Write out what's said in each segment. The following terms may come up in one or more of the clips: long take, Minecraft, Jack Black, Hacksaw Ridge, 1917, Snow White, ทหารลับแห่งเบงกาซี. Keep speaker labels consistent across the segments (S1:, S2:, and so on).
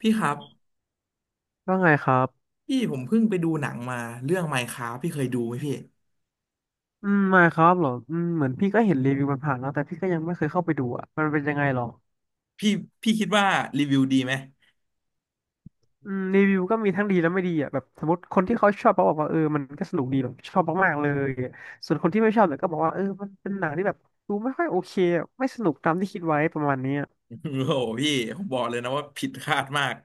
S1: พี่ครับ
S2: ว่าไงครับ
S1: พี่ผมเพิ่งไปดูหนังมาเรื่อง Minecraft พี่เคยดูไหม
S2: อืมไม่ครับเหรออืมเหมือนพี่ก็เห็นรีวิวมันผ่านแล้วแต่พี่ก็ยังไม่เคยเข้าไปดูอ่ะมันเป็นยังไงหรอ
S1: พี่พี่คิดว่ารีวิวดีไหม
S2: อืมรีวิวก็มีทั้งดีและไม่ดีอ่ะแบบสมมติคนที่เขาชอบเขาบอกว่าเออมันก็สนุกดีแบบชอบมากๆเลยส่วนคนที่ไม่ชอบเนี่ยก็บอกว่าเออมันเป็นหนังที่แบบดูไม่ค่อยโอเคอะไม่สนุกตามที่คิดไว้ประมาณเนี้อ
S1: โอ้โหพี่ผมบอกเลยนะว่าผิดคาดมาก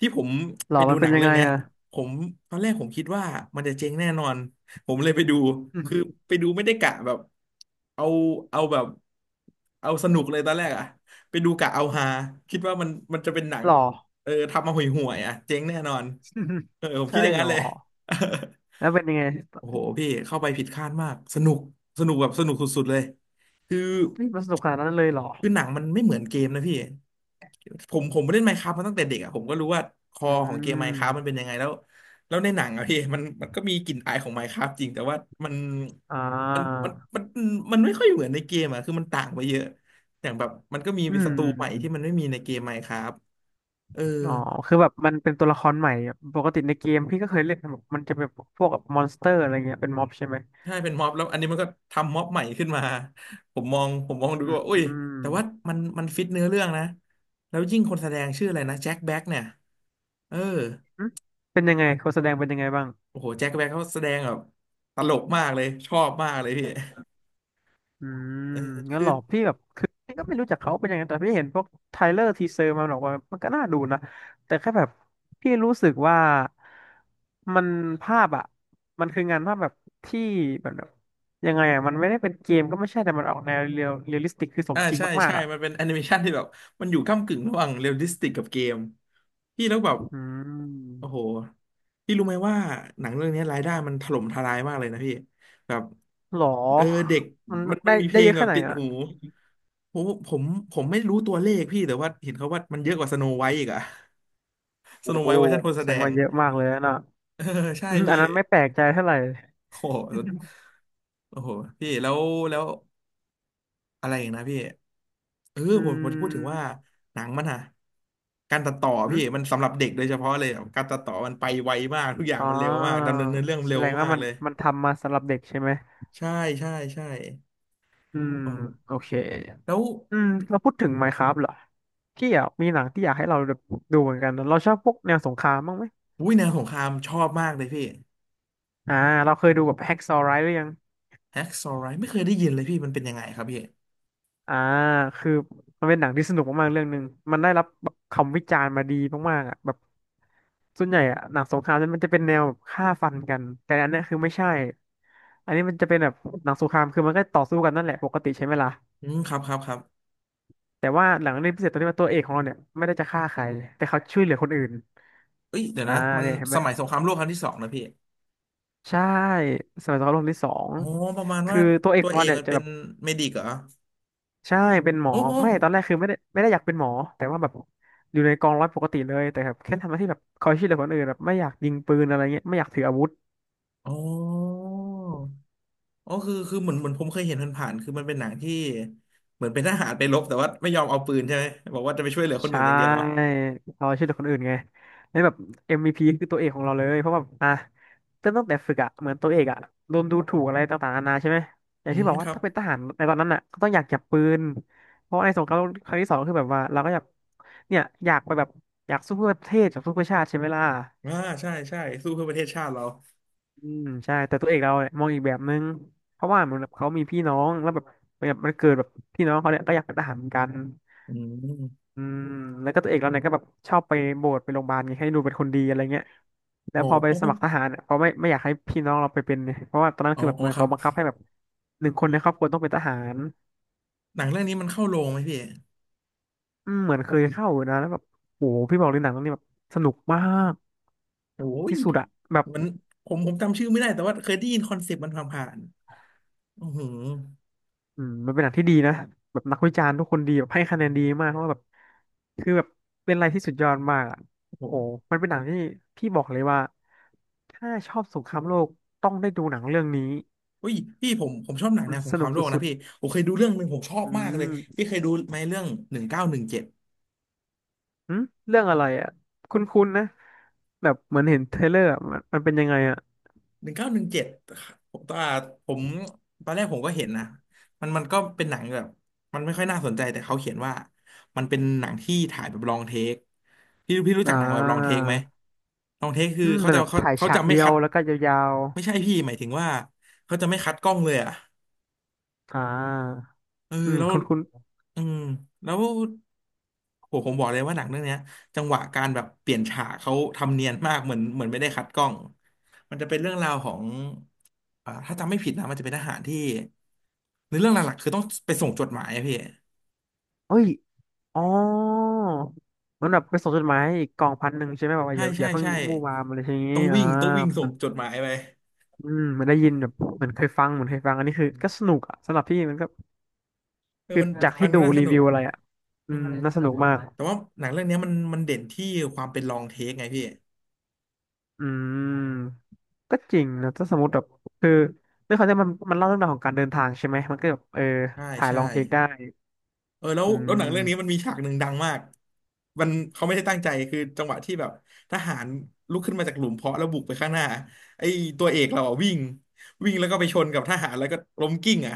S1: ที่ผม
S2: หร
S1: ไป
S2: อ
S1: ดู
S2: มัน
S1: ห
S2: เป็
S1: นั
S2: น
S1: ง
S2: ยัง
S1: เรื่อ
S2: ไง
S1: งเนี้ย
S2: อ่ะ
S1: ผมตอนแรกผมคิดว่ามันจะเจ๊งแน่นอนผมเลยไปดูคือ ไปดูไม่ได้กะแบบเอาเอาแบบเอาสนุกเลยตอนแรกอะไปดูกะเอาฮาคิดว่ามันจะเป็นหนัง
S2: หรอ
S1: เออทำมาห่วยๆอะเจ๊งแน่นอน เออผมคิ
S2: ใช่
S1: ดอย่าง
S2: หร
S1: นั้น
S2: อ
S1: เลย
S2: แล้วเป็นยังไง
S1: โอ้โหพี่เข้าไปผิดคาดมากสนุกสนุกแบบสนุกสุดๆเลยคือ
S2: ที่มันสนุกขนาดนั้นเลยหรอ
S1: คือหนังมันไม่เหมือนเกมนะพี่ผมเล่น Minecraft มาตั้งแต่เด็กอ่ะผมก็รู้ว่าคอ
S2: อื
S1: ของเกม Minecraft มันเป็น
S2: ม
S1: ยังไงแล้วแล้วในหนังอะพี่ มันก็มีกลิ่นอายของ Minecraft จริงแต่ว่ามัน
S2: อ่า
S1: มันมันไม่ค่อยเหมือนในเกมอ่ะคือมันต่างไปเยอะอย่างแบบมันก็มี
S2: อืม
S1: ศัตรูใหม่ที่มันไม่มีในเกม Minecraft เออ
S2: อ๋อคือแบบมันเป็นตัวละครใหม่อะปกติในเกมพี่ก็เคยเล่นนะแบบมันจะเป็นพวกแบบมอนสเตอร์อะไรเงี้ยเป็นม็อบใช่ไหม
S1: ใช่เป็นม็อบแล้วอันนี้มันก็ทำม็อบใหม่ขึ้นมาผมมองดู
S2: อื
S1: ก็ว่าอุ้ยแต่
S2: ม
S1: ว่ามันฟิตเนื้อเรื่องนะแล้วยิ่งคนแสดงชื่ออะไรนะแจ็คแบ็กเนี่ยเออ
S2: อืมเป็นยังไงคนแสดงเป็นยังไงบ้าง
S1: โอ้โหแจ็คแบ็กเขาแสดงแบบตลกมากเลยชอบมากเลยพี่
S2: อืม
S1: เออ
S2: งั้น
S1: คื
S2: ห
S1: อ
S2: รอพี่แบบคือพี่ก็ไม่รู้จักเขาเป็นยังไงแต่พี่เห็นพวกไทเลอร์ทีเซอร์มาบอกว่ามันก็น่าดูนะแต่แค่แบบพี่รู้สึกว่ามันภาพอ่ะมันคืองานภาพแบบที่แบบยังไงอ่ะมันไม่ได้เป็นเกมก็ไม่ใช่แต่มันออกแนวเรียลลิสติกคือสม
S1: อ่า
S2: จริง
S1: ใช่
S2: มาก
S1: ใช่
S2: ๆอ่ะ
S1: มันเป็นแอนิเมชันที่แบบมันอยู่ก้ำกึ่งระหว่างเรียลลิสติกกับเกมพี่แล้วแบบ
S2: อืม
S1: โอ้โหพี่รู้ไหมว่าหนังเรื่องนี้รายได้มันถล่มทลายมากเลยนะพี่แบบ
S2: หรอ
S1: เออเด็ก
S2: มัน
S1: มันมั
S2: ได้
S1: นมีเพ
S2: ได้
S1: ล
S2: เย
S1: ง
S2: อะ
S1: แบ
S2: แค่
S1: บ
S2: ไหน
S1: ติด
S2: อ่ะ
S1: หูผมผมผมไม่รู้ตัวเลขพี่แต่ว่าเห็นเขาว่ามันเยอะกว่าสโนไวท์อีกอะ ส
S2: โอ้
S1: โนไวท์เวอร์ชันคนแส
S2: แส
S1: ด
S2: ดง
S1: ง
S2: ว่าเยอะมากเลยนะ
S1: เออใช่
S2: อืมอั
S1: พี่
S2: นนั้นไม่แปลกใจเท่าไหร่
S1: โอ้โหโอ้โหพี่แล้วอะไรอย่างนะพี่เออ
S2: อื
S1: ผมจะพูดถึงว่า
S2: ม
S1: หนังมันอะการตัดต่อ
S2: อื
S1: พี่
S2: ม
S1: มันสำหรับเด็กโดยเฉพาะเลยอะการตัดต่อมันไปไวมากทุกอย่าง
S2: อ๋อ
S1: มันเร็วมากดำเนินเนื้อเรื่อง
S2: แส
S1: เร็ว
S2: ดง
S1: มา
S2: ว่า
S1: ก
S2: มัน
S1: เลย
S2: มันทำมาสำหรับเด็กใช่ไหม
S1: ใช่ใช่ใช่
S2: อืม
S1: อ๋อ
S2: โอเค
S1: แล้ว
S2: อืม เราพูดถึง Minecraft เหรอพี่อ่ะมีหนังที่อยากให้เราดูเหมือนกันนะเราชอบพวกแนวสงครามบ้างไหม
S1: วุ้ยแนวสงครามชอบมากเลยพี่
S2: อ่า เราเคยดูแบบ Hacksaw Ridge หรือยัง
S1: แฮกซอว์ไรไม่เคยได้ยินเลยพี่ มันเป็นยังไงครับพี่
S2: อ่าคือมันเป็นหนังที่สนุกมากๆเรื่องหนึ่งมันได้รับแบบคำวิจารณ์มาดีมากๆอ่ะแบบส่วนใหญ่อะหนังสงครามมันจะเป็นแนวแบบฆ่าฟันกันแต่อันเนี้ยคือไม่ใช่อันนี้มันจะเป็นแบบหนังสงครามคือมันก็ต่อสู้กันนั่นแหละปกติใช่ไหมล่ะ
S1: อืมครับครับครับ
S2: แต่ว่าหนังเรื่องพิเศษตรงที่ว่าตัวเอกของเราเนี่ยไม่ได้จะฆ่าใครแต่เขาช่วยเหลือคนอื่น
S1: เอ้ยเดี๋ยว
S2: อ่า
S1: นะมัน
S2: เนี่ยเห็นไห
S1: ส
S2: ม
S1: มัยสงครามโลกครั้งที่สองนะพี่
S2: ใช่สมัยสงครามโลกครั้งที่สอง
S1: อ๋อ ประมาณ
S2: คื
S1: ว่า
S2: อตัวเอก
S1: ตัว
S2: ของ
S1: เอ
S2: เรา
S1: ก
S2: เนี่ย
S1: มัน
S2: จะ
S1: เป็
S2: แบ
S1: น
S2: บ
S1: เมดิกเหรอ
S2: ใช่เป็นหมอ
S1: โอ้โห
S2: ไม่ตอนแรกคือไม่ได้อยากเป็นหมอแต่ว่าแบบอยู่ในกองร้อยปกติเลยแต่แบบแค่ทำหน้าที่แบบคอยช่วยเหลือคนอื่นแบบไม่อยากยิงปืนอะไรเงี้ยไม่อยากถืออาวุธ
S1: อ๋ออ๋อคือ คือเหมือนผมเคยเห็นผ่านๆคือมันเป็นหนังที่ เหมือนเป็นทหารไปรบแต่ว่าไม่ยอมเอาปืนใช่ไหมบอกว่าจะไปช่วยเหลือคน
S2: ใช่
S1: อื่นอย่างเดียว
S2: คอยช่วยเหลือคนอื่นไงแล้วแบบ MVP คือตัวเอกของเราเลยเพราะว่าอ่ะเริ่มตั้งแต่ฝึกอะเหมือนตัวเอกอะโดนดูถูกอะไรต่างๆนานาใช่ไหมอย่า
S1: อื
S2: งที่
S1: ม
S2: บอก
S1: ค
S2: ว่า
S1: รับ
S2: ถ้าเป็นทหารในตอนนั้นอะก็ต้องอยากจับปืนเพราะในสงครามโลกครั้งที่สองก็คือแบบว่าเราก็อยากเนี่ยอยากไปแบบอยากสู้เพื่อประเทศอยากสู้เพื่อชาติใช่ไหมล่ะ
S1: อ่าใช่ใช่สู้เพื่อประเทศชาติเรา
S2: อืมใช่แต่ตัวเอกเราเนี่ยมองอีกแบบนึงเพราะว่าเหมือนแบบเขามีพี่น้องแล้วแบบแบบมันเกิดแบบพี่น้องเขาเนี่ยก็อยากเป็นทหารเหมือนกัน
S1: อืม
S2: อืมแล้วก็ตัวเอกเราเนี่ยก็แบบชอบไปโบสถ์ไปโรงพยาบาลไงให้ดูเป็นคนดีอะไรเงี้ยแล้
S1: โอ้
S2: วพอไป
S1: โห
S2: สมัครทหารเนี่ยเขาไม่อยากให้พี่น้องเราไปเป็นเนี่ยเพราะว่าตอนนั้น
S1: อ๋อ
S2: คือแบบเหมือน
S1: ครั
S2: เขา
S1: บ
S2: บังคับให้แบบ1 คนในครอบครัวต้องเป็นทหาร
S1: หนังเรื่องนี้มันเข้าโรงไหมพี่
S2: อืมเหมือนเคยเข้าอยู่นะแล้วแบบโอ้โหพี่บอกเลยหนังเรื่องนี้แบบสนุกมาก
S1: โอ้ย
S2: ที่สุดอะแบบ
S1: มันผมจำชื่อไม่ได้แต่ว่าเคยได้ยินคอนเซปต์มันผ่านๆโอ้โห
S2: อืมมันเป็นหนังที่ดีนะแบบนักวิจารณ์ทุกคนดีแบบให้คะแนนดีมากเพราะว่าแบบคือแบบเป็นอะไรที่สุดยอดมากอ่ะ
S1: โอ้โห
S2: โหมันเป็นหนังที่พี่บอกเลยว่าถ้าชอบสงครามโลกต้องได้ดูหนังเรื่องนี้
S1: เฮ้ยพี่ผมชอบหนัง
S2: มั
S1: แน
S2: น
S1: วส
S2: ส
S1: งครา
S2: นุ
S1: ม
S2: ก
S1: โลก
S2: สุ
S1: นะ
S2: ด
S1: พี่ผมเคยดูเรื่องหนึ่งผมชอ
S2: ๆ
S1: บ
S2: อื
S1: มากเลย
S2: ม
S1: พี่เคยดูไหมเรื่องหนึ่งเก้าหนึ่งเจ็ด
S2: อืมเรื่องอะไรอ่ะคุ้นๆนะแบบเหมือนเห็นเทรลเลอร์อะมันเป็นยังไงอ่ะ
S1: หนึ่งเก้าหนึ่งเจ็ดผมตอนผมตอนแรกผมก็เห็นนะมันก็เป็นหนังแบบมันไม่ค่อยน่าสนใจแต่เขาเขียนว่ามันเป็นหนังที่ถ่ายแบบลองเทคพี่รู้
S2: อ่
S1: จักหนังแบบลองเทค
S2: า
S1: ไหมลองเทคคือ
S2: อืม
S1: เขา
S2: มัน
S1: จะ
S2: แบบ
S1: เขา
S2: ถ่าย
S1: เขา
S2: ฉา
S1: จะ
S2: ก
S1: ไม่
S2: เดีย
S1: คั
S2: ว
S1: ด
S2: แล้วก็ยาว
S1: ไม่ใช่พี่หมายถึงว่าเขาจะไม่คัดกล้องเลยอ่ะ
S2: ๆอ่า
S1: เออ
S2: อืม
S1: แล้ว
S2: คุ้น
S1: อืมแล้วโหผมบอกเลยว่าหนังเรื่องเนี้ยจังหวะการแบบเปลี่ยนฉากเขาทำเนียนมากเหมือนเหมือนไม่ได้คัดกล้องมันจะเป็นเรื่องราวของอ่าถ้าจำไม่ผิดนะมันจะเป็นทหารที่ในเรื่องหลักๆคือต้องไปส่งจดหมายอะพี่
S2: ๆเอ้ย อ๋อมันแบบไปส่งจดหมายอีกกองพันหนึ่งใช่ไหมแบบว่า
S1: ใช่
S2: อย่าอ
S1: ใช่
S2: ย่าเพิ่ง
S1: ใช่
S2: มู่วามอะไรอย่างนี้
S1: ต้องวิ่งต้องวิ่งส่
S2: มั
S1: ง
S2: น
S1: จดหมายไป
S2: มันได้ยินแบบเหมือนเคยฟังเหมือนเคยฟังอันนี้คือก็สนุกอ่ะสำหรับพี่มันก็
S1: เออ
S2: คือ
S1: มัน
S2: จาก
S1: ฟั
S2: ที่
S1: งดู
S2: ดู
S1: น่าส
S2: รี
S1: นุ
S2: วิ
S1: ก
S2: วอะไรอ่ะอื
S1: อื
S2: ม
S1: ม
S2: น่าสนุกมาก
S1: แต่ว่าหนังเรื่องเนี้ยมันมันเด่นที่ความเป็นลองเทคไงพี่
S2: อืมก็จริงนะถ้าสมมติแบบคือเรื่องเขาจะมันเล่าเรื่องราวของการเดินทางใช่ไหมมันก็แบบเออ
S1: ใช่
S2: ถ่าย
S1: ใช่
S2: ลองเทคได้
S1: เออแล้ว
S2: อื
S1: แล้วหนังเรื่องนี้มัน
S2: ม
S1: มีฉากหนึ่งดังมากมันเขาไม่ได้ตั้งใจคือจังหวะที่แบบทหารลุกขึ้นมาจากหลุมเพาะแล้วบุกไปข้างหน้าไอ้ตัวเอกเราอะวิ่งวิ่งแล้วก็ไปชนกับทหารแล้วก็ล้มกิ้งอ่ะ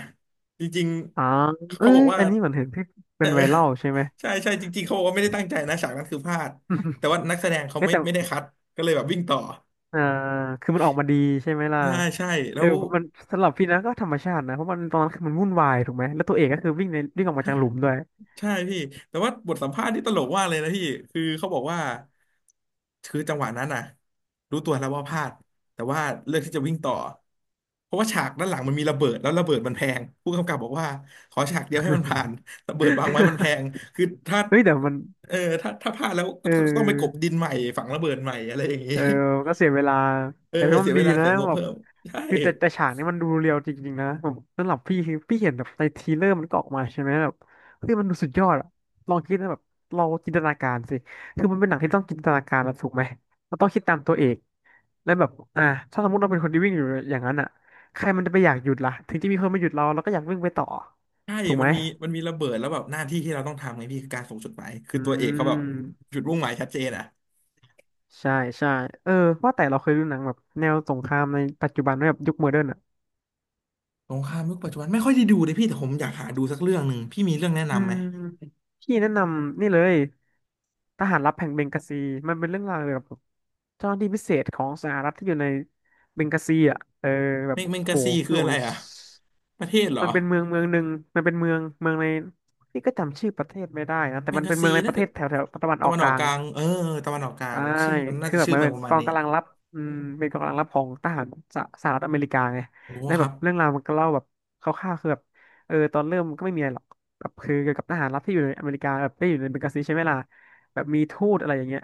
S1: จริง
S2: อ๋อ
S1: ๆ
S2: เอ้
S1: เขาบอ
S2: ย
S1: กว่า
S2: อันนี้เหมือนเห็นที่
S1: เอ
S2: เป็
S1: อ
S2: นไวรัลใช่ไหม
S1: ใช่ใช่จริงๆเขาบอกว่าไม่ได้ตั้งใจนะฉากนั้นคือพลาดแต่ว่านักแสด งเขา
S2: เอ้ย
S1: ไม่
S2: แต่
S1: ไม่ได้คัดก็เลยแบบวิ่งต่อ
S2: อ่าคือมันออกมาดีใช่ไหมล่ะ
S1: ใช่ใช่
S2: เอ
S1: แล้
S2: อ
S1: ว
S2: มันสำหรับพี่นะก็ธรรมชาตินะ เพราะมันตอนนั้นคือมันวุ่นวายถูกไหม แล้วตัวเอกก็คือวิ่งในวิ่งออกมาจากหลุมด้วย
S1: ใช่พี่แต่ว่าบทสัมภาษณ์ที่ตลกมากเลยนะพี่คือเขาบอกว่า คือจังหวะนั้นน่ะรู้ตัวแล้วว่าพลาดแต่ว่าเลือกที่จะวิ่งต่อเพราะว่าฉากด้านหลังมันมีระเบิดแล้วระเบิดมันแพงผู้กำกับบอกว่าขอฉากเดียวให้มันผ่านระเบิดวางไว้มันแพ งคือถ้า
S2: เฮ้ยแต่มัน
S1: เออถ้าพลาดแล้วก็
S2: เอ
S1: ต้องไปกลบ
S2: อ
S1: ดินใหม่ฝังระเบิดใหม่อะไรอย่างนี้
S2: เออมันก็เสียเวลา
S1: เออ
S2: แต่พี่ว่า
S1: เสี
S2: มั
S1: ย
S2: น
S1: เว
S2: ดี
S1: ลา
S2: นะ
S1: เสียงบ
S2: แบบ
S1: เพิ่มใช่
S2: คือแต่ฉากนี้มันดูเรียวจริงๆนะผมสำหรับพี่คือพี่เห็นแบบในทีเลอร์มันก็ออกมาใช่ไหมแบบเฮ้ยมันดูสุดยอดอะลองคิดนะแบบเราจินตนาการสิคือมันเป็นหนังที่ต้องจินตนาการนะถูกไหมเราต้องคิดตามตัวเอก แล้วแบบถ้าสมมติเราเป็นคนที่วิ่งอยู่อย่างนั้นอ่ะใครมันจะไปอยากหยุดล่ะถึงจะมีคนมาหยุดเราเราก็อยากวิ่งไปต่อ
S1: ใช่
S2: ถูกไห
S1: มั
S2: ม
S1: นมีระเบิดแล้วแบบหน้าที่ที่เราต้องทำไงพี่คือการส่งจดหมายคือ
S2: อื
S1: ตัวเอกเขาแบบ
S2: ม
S1: จุดมุ่งหมายชัดเจนอะ
S2: ใช่ใช่เออว่าแต่เราเคยดูหนังแบบแนวสงครามในปัจจุบันไหมแบบยุคโมเดิร์นอ่ะ
S1: สงครามยุคปัจจุบันไม่ค่อยได้ดูเลยพี่แต่ผมอยากหาดูสักเรื่องหนึ่งพี่มีเรื่องแนะ
S2: อื
S1: นำไหม
S2: ม พี่แนะนำนี่เลย ทหารลับแห่งเบงกาซีมันเป็นเรื่องราวเกี่ยวกับเจ้าหน้าที่พิเศษของสหรัฐที่อยู่ในเบงกาซีอ่ะเออแบบ
S1: แมง
S2: โห
S1: กะซี
S2: พี่
S1: คือ
S2: บอ
S1: อะ
S2: ก
S1: ไร
S2: เลย
S1: อ่ะประเทศเหรอ
S2: มันเป็นเมืองเมืองหนึ่งมันเป็นเมืองเมืองในพี่ก็จำชื่อประเทศไม่ได้นะแต่
S1: แมง
S2: มัน
S1: กะ
S2: เป็น
S1: ซี
S2: เมืองในป
S1: น่า
S2: ระเท
S1: จะ
S2: ศแถวแถวตะวันอ
S1: ตะ
S2: อก
S1: วัน
S2: ก
S1: ออก
S2: ลา
S1: ก
S2: ง
S1: ลางเออตะวันออกกลา
S2: ใช่
S1: งชื่อมันน่า
S2: คือ
S1: จะ
S2: แบบ
S1: ชื่อ
S2: มัน
S1: เมือ
S2: เป็
S1: ง
S2: น
S1: ประ
S2: ก
S1: มาณ
S2: อง
S1: นี้
S2: กำลังรับอืมเป็นกองกำลังรับของทหารสหรัฐอเมริกาไง
S1: โอ้
S2: แล้ว
S1: ค
S2: แบ
S1: รั
S2: บ
S1: บ
S2: เรื่องราวมันก็เล่าแบบคร่าวๆคือแบบเออตอนเริ่มก็ไม่มีอะไรหรอกแบบคือเกี่ยวกับทหารรับที่อยู่ในอเมริกาแบบได้อยู่ในเบงกาซีใช่ไหมล่ะแบบมีทูตอะไรอย่างเงี้ย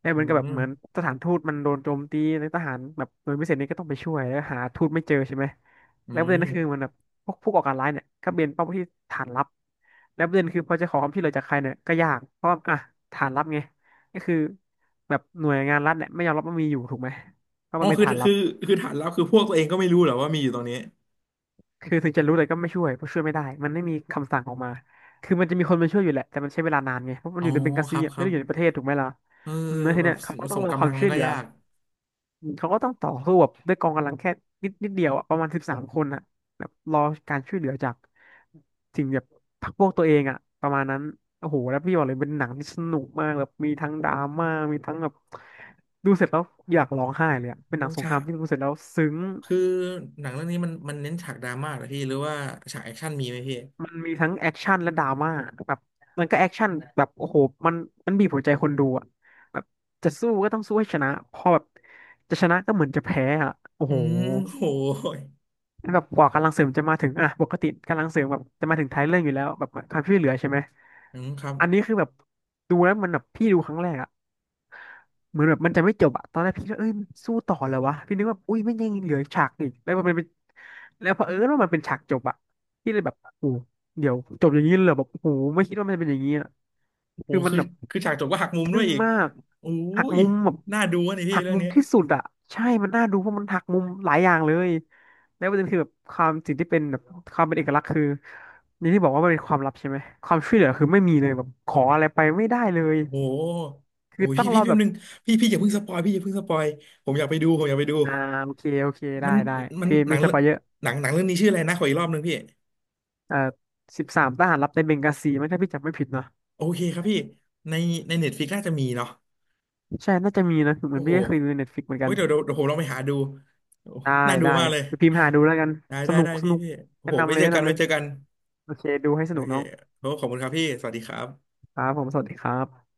S2: แล้ว
S1: อื
S2: มันก็แบบ
S1: ม
S2: เหมือนสถานทูตมันโดนโจมตีในทหารแบบหน่วยพิเศษนี่ก็ต้องไปช่วยแล้วหาทูตไม่เจอใช่ไหม
S1: อื
S2: แล้วประเด็
S1: ม
S2: นก็คือมันแบบพวกผู้ก่อการร้ายเนี่ยก็เป็นเป้าที่ฐานลับแล้วประเด็นคือพอจะขอความช่วยเหลือจากใครเนี่ยก็ยากเพราะว่าอ่ะฐานลับไงก็คือ แบบหน่วยงานรัฐเนี่ยไม่ยอมรับว่ามีอยู่ถูกไหมเพราะ
S1: อ๋อ
S2: มันเป็นฐานลั
S1: คื
S2: บ
S1: อคือฐานลับคือพวกตัวเองก็ไม่รู้เหรอว่ามีอยู่ตรงนี้
S2: คือถึงจะรู้แต่ก็ไม่ช่วยเพราะช่วยไม่ได้มันไม่มีคำสั่งออกมาคือมันจะมีคนมาช่วยอยู่แหละแต่มันใช้เวลานานไงเพราะมั
S1: อ๋
S2: นอ
S1: อ
S2: ยู่ในเบ eng า
S1: ค
S2: ซี
S1: รับ
S2: อะ
S1: ค
S2: ไม่
S1: รั
S2: ได้
S1: บ
S2: อยู่ในประเทศถูกไหมล่ะ
S1: เออ
S2: อืมแล้วที
S1: แบ
S2: เนี้
S1: บ
S2: ยเขาก็ต้อ
S1: ส่
S2: ง
S1: ง
S2: รอค
S1: กำ
S2: วา
S1: ลั
S2: ม
S1: งมั
S2: ช่ว
S1: น
S2: ยเห
S1: ก็
S2: ลือ
S1: ยาก
S2: เขาก็ต้องต่อสู้แบบด้วยกองกำลังแค่นิดนิดเดียวอะประมาณ13 คนอะแบบรอการช่วยเหลือจากสิ่งแบบพรรคพวกตัวเองอะประมาณนั้นโอ้โหแล้วพี่บอกเลยเป็นหนังที่สนุกมากแบบมีทั้งดราม่ามีทั้งแบบดูเสร็จแล้วอยากร้องไห้เลยอะเป็นหนั
S1: โอ้
S2: งสงค
S1: ฉา
S2: ราม
S1: ก
S2: ที่ดูเสร็จแล้วซึ้ง
S1: คือหนังเรื่องนี้มันเน้นฉากดราม่าเหรอพี่หรือว่าฉากแอคชั่นมีไหมพี่
S2: มันมีทั้งแอคชั่นและดราม่าแบบมันก็แอคชั่นแบบโอ้โหมันมันบีบหัวใจคนดูอะแบบจะสู้ก็ต้องสู้ให้ชนะพอแบบจะชนะก็เหมือนจะแพ้อะโอ้
S1: อื
S2: โห
S1: มโหย
S2: แบบกว่ากำลังเสริมจะมาถึงอ่ะปกติกำลังเสริมแบบจะมาถึงท้ายเรื่องอยู่แล้วแบบความช่วยเหลือใช่ไหม
S1: อืมครับ
S2: อันนี้คือแบบดูแล้วมันแบบพี่ดูครั้งแรกอะ เหมือนแบบมันจะไม่จบอะตอนแรกพี่ก็เอ้ยมันสู้ต่อเลยวะพี่นึกว่าอุ้ยไม่ยังเหลือฉากอีกแล้วมันเป็นแล้วเผอิญว่ามันเป็นฉากจบอะพี่เลยแบบโอ้โหเดี๋ยวจบอย่างนี้เลยเหรอแบบโอ้โหไม่คิดว่ามันจะเป็นอย่างนี้อะ
S1: โอ้
S2: คือมัน
S1: คือ
S2: แบบ
S1: คือฉากจบก็หักมุมด้
S2: ทึ่
S1: วย
S2: ง
S1: อีก
S2: มาก
S1: อุ้
S2: หัก
S1: ย
S2: มุมแบบ
S1: น่าดูอะนี่พี่
S2: หัก
S1: เรื่อ
S2: มุ
S1: ง
S2: ม
S1: นี้
S2: ที่สุดอะใช่มันน่าดูเพราะมันหักมุมหลายอย่างเลยแล้วประเด็นคือแบบความสิ่งที่เป็นแบบความเป็นเอกลักษณ์คืออย่างที่บอกว่ามันเป็นความลับใช่ไหมความช่วยเหลือคือไม่มีเลยแบบขออะไรไปไม่ได้เลย
S1: โอ้โห
S2: คื
S1: โอ้
S2: อ
S1: ย
S2: ต้อ
S1: พี่
S2: งร
S1: พี่
S2: อ
S1: พี่
S2: แบ
S1: แป๊บ
S2: บ
S1: นึงพี่พี่อย่าเพิ่งสปอยพี่อย่าเพิ่งสปอย ผมอยากไปดูผมอยากไปดู
S2: อ่าโอเคโอเคได้
S1: มัน
S2: ได้
S1: มัน
S2: พี่
S1: หนั
S2: ไม่
S1: ง
S2: ส
S1: เรื่อ
S2: ป
S1: ง
S2: อยเยอะ
S1: หนังเรื่องนี้ชื่ออะไรนะขออีกรอบนึงพี่
S2: เอ่อสิบสามทหารลับในเบงกาซีมั้งถ้าพี่จำไม่ผิดเนาะ
S1: โอเคครับพี่ในเน็ตฟลิกน่าจะมีเนาะ
S2: ใช่น่าจะมีนะเหมือ
S1: โอ้
S2: น
S1: โห
S2: พี่ก็เคยดูในเน็ตฟลิกเหมือน
S1: เฮ้
S2: กั
S1: ย
S2: น
S1: เดี๋ยวเดี๋ยวเดี๋ยวผมลองไปหาดูโอ้
S2: ได้
S1: น่าดู
S2: ได้
S1: มากเลย
S2: ไปพิมพ์หาดูแล้วกัน
S1: ได้
S2: ส
S1: ได้
S2: นุก
S1: ได้
S2: ส
S1: พี่
S2: นุก
S1: พี่โอ้
S2: แนะ
S1: โหไว้
S2: นำเลย
S1: เจอ
S2: แนะ
S1: กัน
S2: นำเล
S1: ไว้
S2: ย
S1: เจอกัน
S2: โอเคดูให้ส
S1: โอ
S2: นุก
S1: เค
S2: น้อง
S1: โอ้ขอบคุณครับพี่สวัสดีครับ
S2: ครับผมสวัสดีครับ